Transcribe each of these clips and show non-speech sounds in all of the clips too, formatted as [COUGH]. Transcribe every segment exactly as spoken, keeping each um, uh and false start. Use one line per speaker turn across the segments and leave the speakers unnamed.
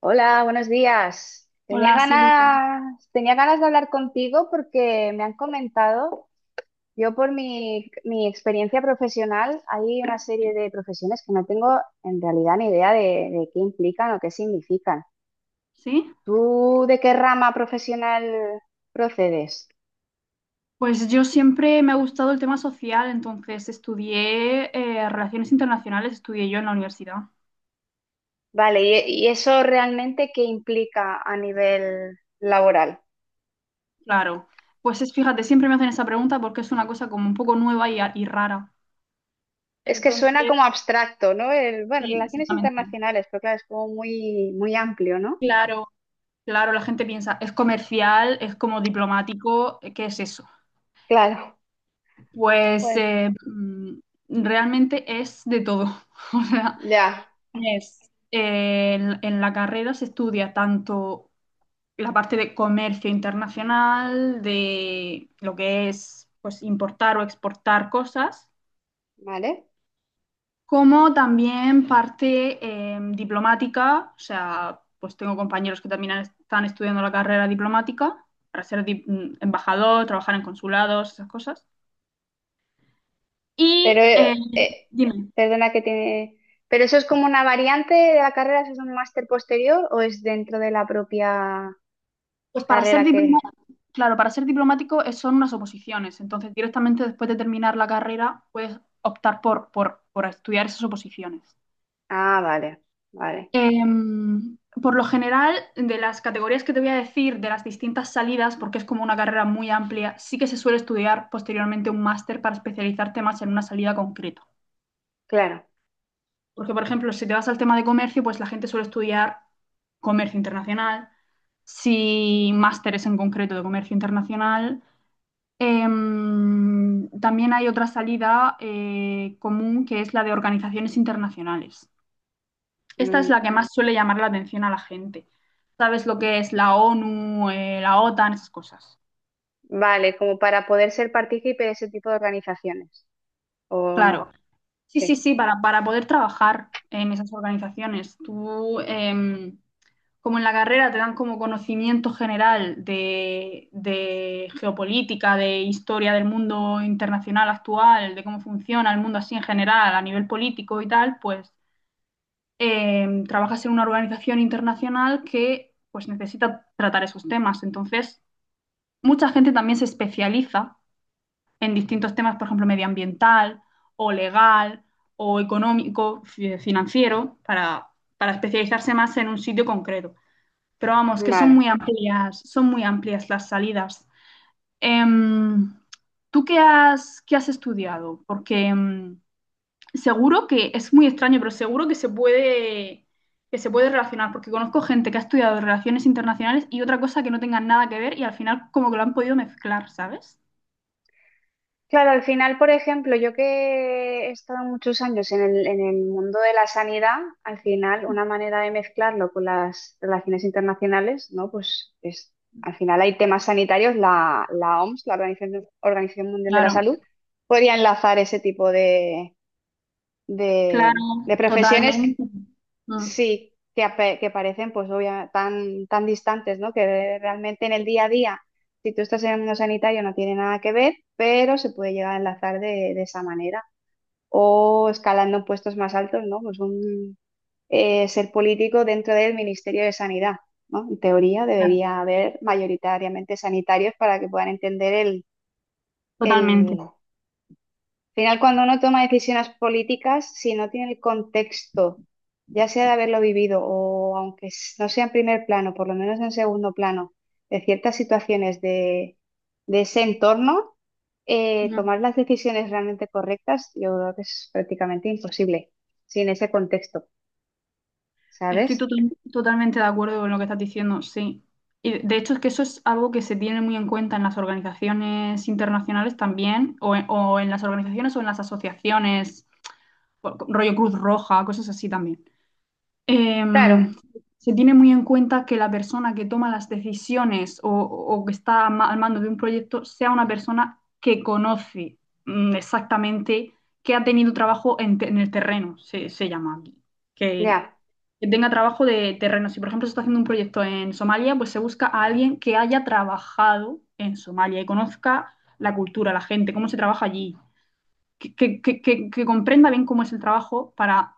Hola, buenos días. Tenía
Hola Silvia.
ganas, tenía ganas de hablar contigo porque me han comentado, yo por mi, mi experiencia profesional, hay una serie de profesiones que no tengo en realidad ni idea de, de qué implican o qué significan.
¿Sí?
¿Tú de qué rama profesional procedes?
Pues yo siempre me ha gustado el tema social, entonces estudié eh, relaciones internacionales, estudié yo en la universidad.
Vale, ¿y, y eso realmente qué implica a nivel laboral?
Claro. Pues es, fíjate, siempre me hacen esa pregunta porque es una cosa como un poco nueva y, y rara.
Es que suena
Entonces,
como abstracto, ¿no? El- bueno,
sí,
relaciones
exactamente.
internacionales, pero claro, es como muy, muy amplio, ¿no?
Claro, claro, la gente piensa, es comercial, es como diplomático, ¿qué es eso?
Claro.
Pues
Pues,
eh, mm, realmente es de todo. [LAUGHS] O sea,
ya,
es, eh, en en la carrera se estudia tanto. La parte de comercio internacional, de lo que es pues, importar o exportar cosas,
¿vale?
como también parte eh, diplomática, o sea, pues tengo compañeros que también están estudiando la carrera diplomática para ser dip- embajador, trabajar en consulados, esas cosas.
Pero,
Y, eh,
eh, eh,
dime,
perdona que tiene... ¿Pero eso es como una variante de la carrera? ¿Eso es un máster posterior o es dentro de la propia
pues para ser
carrera que...
diplomático, claro, para ser diplomático es- son unas oposiciones, entonces directamente después de terminar la carrera puedes optar por, por, por estudiar esas oposiciones.
Ah, vale, vale,
Em, por lo general, de las categorías que te voy a decir, de las distintas salidas, porque es como una carrera muy amplia, sí que se suele estudiar posteriormente un máster para especializarte más en una salida concreta.
claro.
Porque, por ejemplo, si te vas al tema de comercio, pues la gente suele estudiar comercio internacional, si másteres en concreto de comercio internacional. Em, también hay otra salida eh, común que es la de organizaciones internacionales. Esta es
Mm,
la que más suele llamar la atención a la gente. ¿Sabes lo que es la ONU, eh, la OTAN, esas cosas?
vale, como para poder ser partícipe de ese tipo de organizaciones, ¿o no?
Claro. Sí, sí,
Sí,
sí, para, para poder trabajar en esas organizaciones. Tú, em, como en la carrera, te dan como conocimiento general de, de, geopolítica, de historia del mundo internacional actual, de cómo funciona el mundo así en general, a nivel político y tal, pues em, trabajas en una organización internacional que pues necesita tratar esos temas. Entonces, mucha gente también se especializa en distintos temas, por ejemplo, medioambiental o legal o económico, fi- financiero, para, para especializarse más en un sitio concreto. Pero vamos, que son
vale.
muy amplias, son muy amplias las salidas. Em, ¿tú qué has, qué has estudiado? Porque em, seguro que es muy extraño, pero seguro que se puede, que se puede relacionar, porque conozco gente que ha estudiado relaciones internacionales y otra cosa que no tengan nada que ver y al final como que lo han podido mezclar, ¿sabes?
Claro, al final, por ejemplo, yo que he estado muchos años en el, en el mundo de la sanidad, al final una manera de mezclarlo con las relaciones internacionales, ¿no? Pues es, al final hay temas sanitarios, la, la O M S, la Organización, Organización Mundial de la
Claro,
Salud, podría enlazar ese tipo de,
claro,
de, de profesiones.
totalmente. Mm,
Sí, que, ape- que parecen pues obvia- tan, tan distantes, ¿no? Que realmente en el día a día, si tú estás en el mundo sanitario no tiene nada que ver, pero se puede llegar a enlazar de, de esa manera. O escalando en puestos más altos, ¿no? Pues un eh, ser político dentro del Ministerio de Sanidad, ¿no? En teoría
claro,
debería haber mayoritariamente sanitarios para que puedan entender
totalmente.
el, al final, cuando uno toma decisiones políticas, si no tiene el contexto, ya sea de haberlo vivido o aunque s- no sea en primer plano, por lo menos en segundo plano, de ciertas situaciones de, de ese entorno, eh,
Ujú.
tomar las decisiones realmente correctas, yo creo que es prácticamente imposible sin ese contexto,
Estoy
¿sabes?
total- totalmente de acuerdo con lo que estás diciendo, sí. Y de hecho es que eso es algo que se tiene muy en cuenta en las organizaciones internacionales también, o en, o en las organizaciones o en las asociaciones, o- rollo Cruz Roja, cosas así también.
Claro,
em, se tiene muy en cuenta que la persona que toma las decisiones o, o que está ma- al mando de un proyecto sea una persona que conoce mm, exactamente, que ha tenido trabajo en, te- en el terreno, se, se llama aquí. Que,
ya.
que tenga trabajo de terreno. Si, por ejemplo, se está haciendo un proyecto en Somalia, pues se busca a alguien que haya trabajado en Somalia y conozca la cultura, la gente, cómo se trabaja allí, que, que- que- que- comprenda bien cómo es el trabajo para,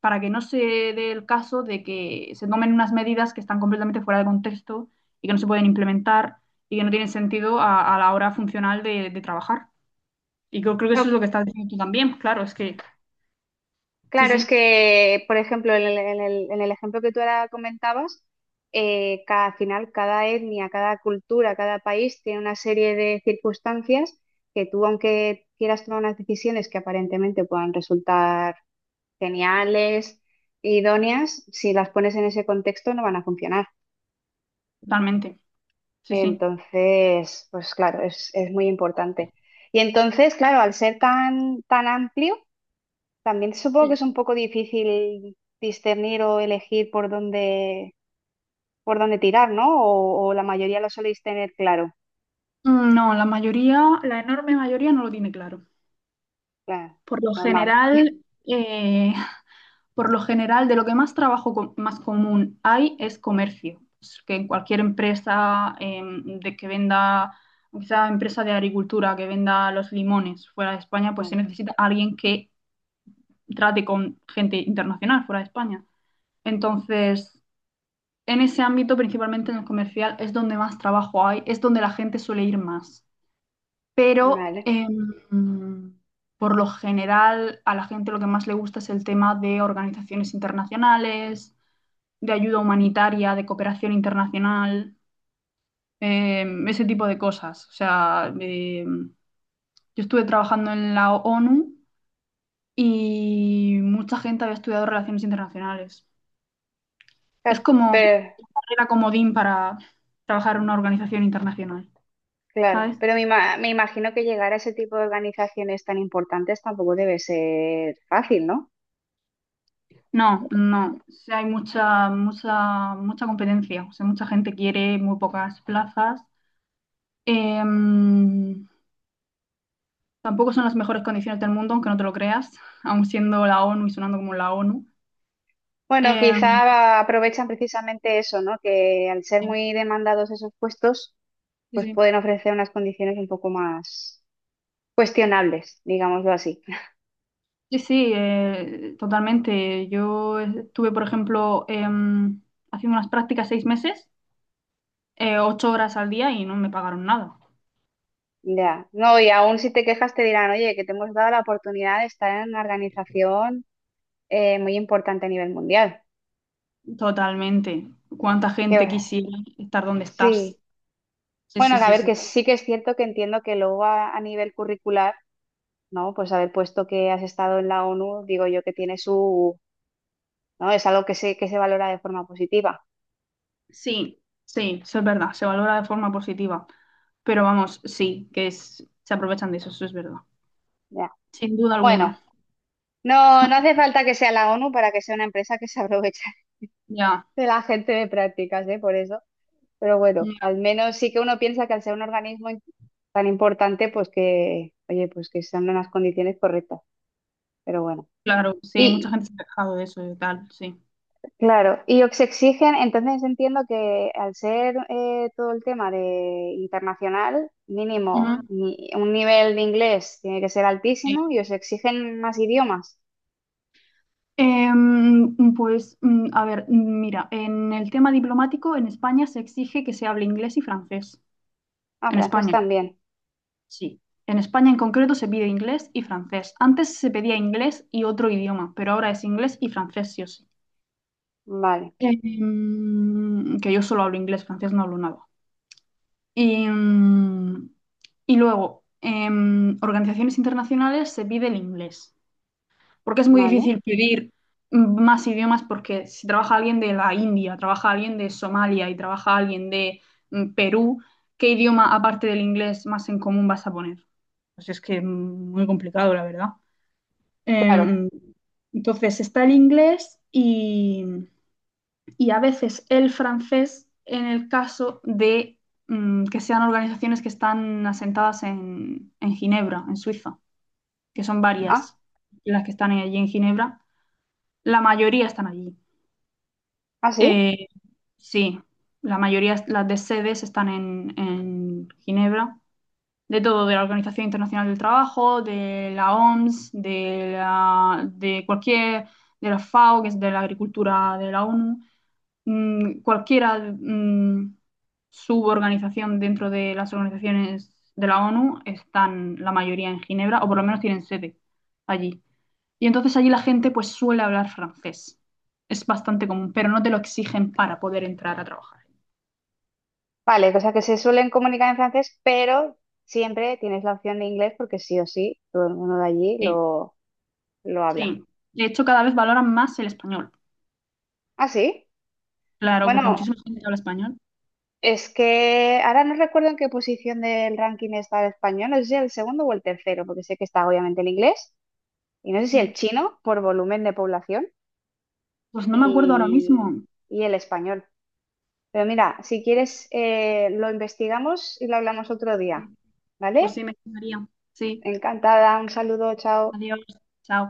para que no se dé el caso de que se tomen unas medidas que están completamente fuera de contexto y que no se pueden implementar y que no tienen sentido a, a, la hora funcional de, de trabajar. Y creo, creo que eso es
No,
lo que estás diciendo tú también, claro, es que sí,
claro, es
sí,
que, por ejemplo, en el, en el- en el ejemplo que tú ahora comentabas, eh, ca- al final cada etnia, cada cultura, cada país tiene una serie de circunstancias que tú, aunque quieras tomar unas decisiones que aparentemente puedan resultar geniales, idóneas, si las pones en ese contexto no van a funcionar.
totalmente, sí, sí.
Entonces, pues claro, es, es muy importante. Y entonces, claro, al ser tan, tan amplio también supongo que
Y-
es un poco difícil discernir o elegir por dónde, por dónde tirar, ¿no? O, o la mayoría lo soléis tener claro,
No, la mayoría, la enorme mayoría no lo tiene claro.
claro,
Por lo
normal.
general, eh, Por lo general, de lo que más trabajo co- más común hay es comercio. Es que en cualquier empresa em, de que venda, quizá empresa de agricultura que venda los limones fuera de España, pues se
Bueno,
necesita alguien que trate con gente internacional fuera de España. Entonces, en ese ámbito, principalmente en el comercial, es donde más trabajo hay, es donde la gente suele ir más. Pero
vale.
em, por lo general, a la gente lo que más le gusta es el tema de organizaciones internacionales de ayuda humanitaria, de cooperación internacional, eh, ese tipo de cosas. O sea, eh, yo estuve trabajando en la ONU y mucha gente había estudiado relaciones internacionales. Es
Ca-
como
Pero,
carrera comodín para trabajar en una organización internacional,
claro,
¿sabes?
pero me, ima- me imagino que llegar a ese tipo de organizaciones tan importantes tampoco debe ser fácil, ¿no?
No, no, o sea, hay mucha, mucha, mucha competencia, o sea, mucha gente quiere, muy pocas plazas. Em, tampoco son las mejores condiciones del mundo, aunque no te lo creas, aun siendo la ONU y sonando como la ONU.
Bueno,
Eh,
quizá aprovechan precisamente eso, ¿no? Que al ser
sí,
muy demandados esos puestos, pues
sí,
pueden ofrecer unas condiciones un poco más cuestionables, digámoslo así.
sí, sí, eh, totalmente. Yo estuve, por ejemplo, em, haciendo unas prácticas seis meses, eh, ocho horas al día y no me pagaron nada.
Ya, no, y aún si te quejas te dirán, oye, que te hemos dado la oportunidad de estar en una organización eh, muy importante a nivel mundial.
Totalmente. ¿Cuánta gente
Que,
quisiera estar donde
sí,
estás? Sí,
bueno,
sí,
a
sí,
ver, que
sí.
sí que es cierto que entiendo que luego a, a nivel curricular, ¿no? Pues haber puesto que has estado en la O N U, digo yo que tiene su, ¿no? Es algo que se, que se valora de forma positiva.
Sí, sí, eso es verdad, se valora de forma positiva. Pero vamos, sí, que es, se aprovechan de eso, eso es verdad.
Ya.
Sin duda
Bueno,
alguna.
no, no hace falta que sea la O N U para que sea una empresa que se aprovecha
Ya,
[LAUGHS] de la gente de prácticas, ¿eh? Por eso. Pero bueno,
ya,
al menos sí que uno piensa que al ser un organismo tan importante, pues que, oye, pues que sean unas condiciones correctas, pero bueno.
claro, sí, mucha
Y
gente se ha quejado de eso y tal, sí.
claro, y os exigen, entonces entiendo que al ser eh, todo el tema de internacional, mínimo,
Ujú,
ni- un nivel de inglés tiene que ser altísimo
sí.
y os exigen más idiomas.
Em, pues, mm, a ver, mm, mira, en el tema diplomático en España se exige que se hable inglés y francés.
Ah,
En
francés
España,
también.
sí. En España en concreto se pide inglés y francés. Antes se pedía inglés y otro idioma, pero ahora es inglés y francés, sí o sí.
Vale,
Em, que yo solo hablo inglés, francés no hablo nada. Y, mm, y luego, en organizaciones internacionales se pide el inglés. Porque es muy
vale.
difícil pedir más idiomas porque si trabaja alguien de la India, trabaja alguien de Somalia y trabaja alguien de mm, Perú, ¿qué idioma aparte del inglés más en común vas a poner? Pues es que mm, muy complicado, la verdad.
Claro.
Em, entonces está el inglés y, y a veces el francés en el caso de mm, que sean organizaciones que están asentadas en, en Ginebra, en Suiza, que son
Ah,
varias las que están allí en Ginebra, la mayoría están allí.
ah, sí.
Eh, sí, la mayoría, las de sedes están en, en Ginebra. De todo, de la Organización Internacional del Trabajo, de la O M S, de, la, de cualquier, de la FAO, que es de la Agricultura de la ONU, mm, cualquiera mm, suborganización dentro de las organizaciones de la ONU están la mayoría en Ginebra, o por lo menos tienen sede allí. Y entonces allí la gente pues suele hablar francés. Es bastante común, pero no te lo exigen para poder entrar a trabajar.
Vale, o sea que se suelen comunicar en francés, pero siempre tienes la opción de inglés porque sí o sí, todo el mundo de allí
Sí,
lo, lo habla.
sí. De hecho, cada vez valoran más el español.
¿Ah, sí?
Claro, porque
Bueno,
muchísima gente habla español.
es que ahora no recuerdo en qué posición del ranking está el español, no sé si el segundo o el tercero, porque sé que está obviamente el inglés, y no sé si el
Sí.
chino por volumen de población
Pues no me acuerdo ahora
y,
mismo.
y el español. Pero mira, si quieres, eh, lo investigamos y lo hablamos otro día,
Sí. Pues
¿vale?
sí, me gustaría. Sí.
Encantada, un saludo, chao.
Adiós. Chao.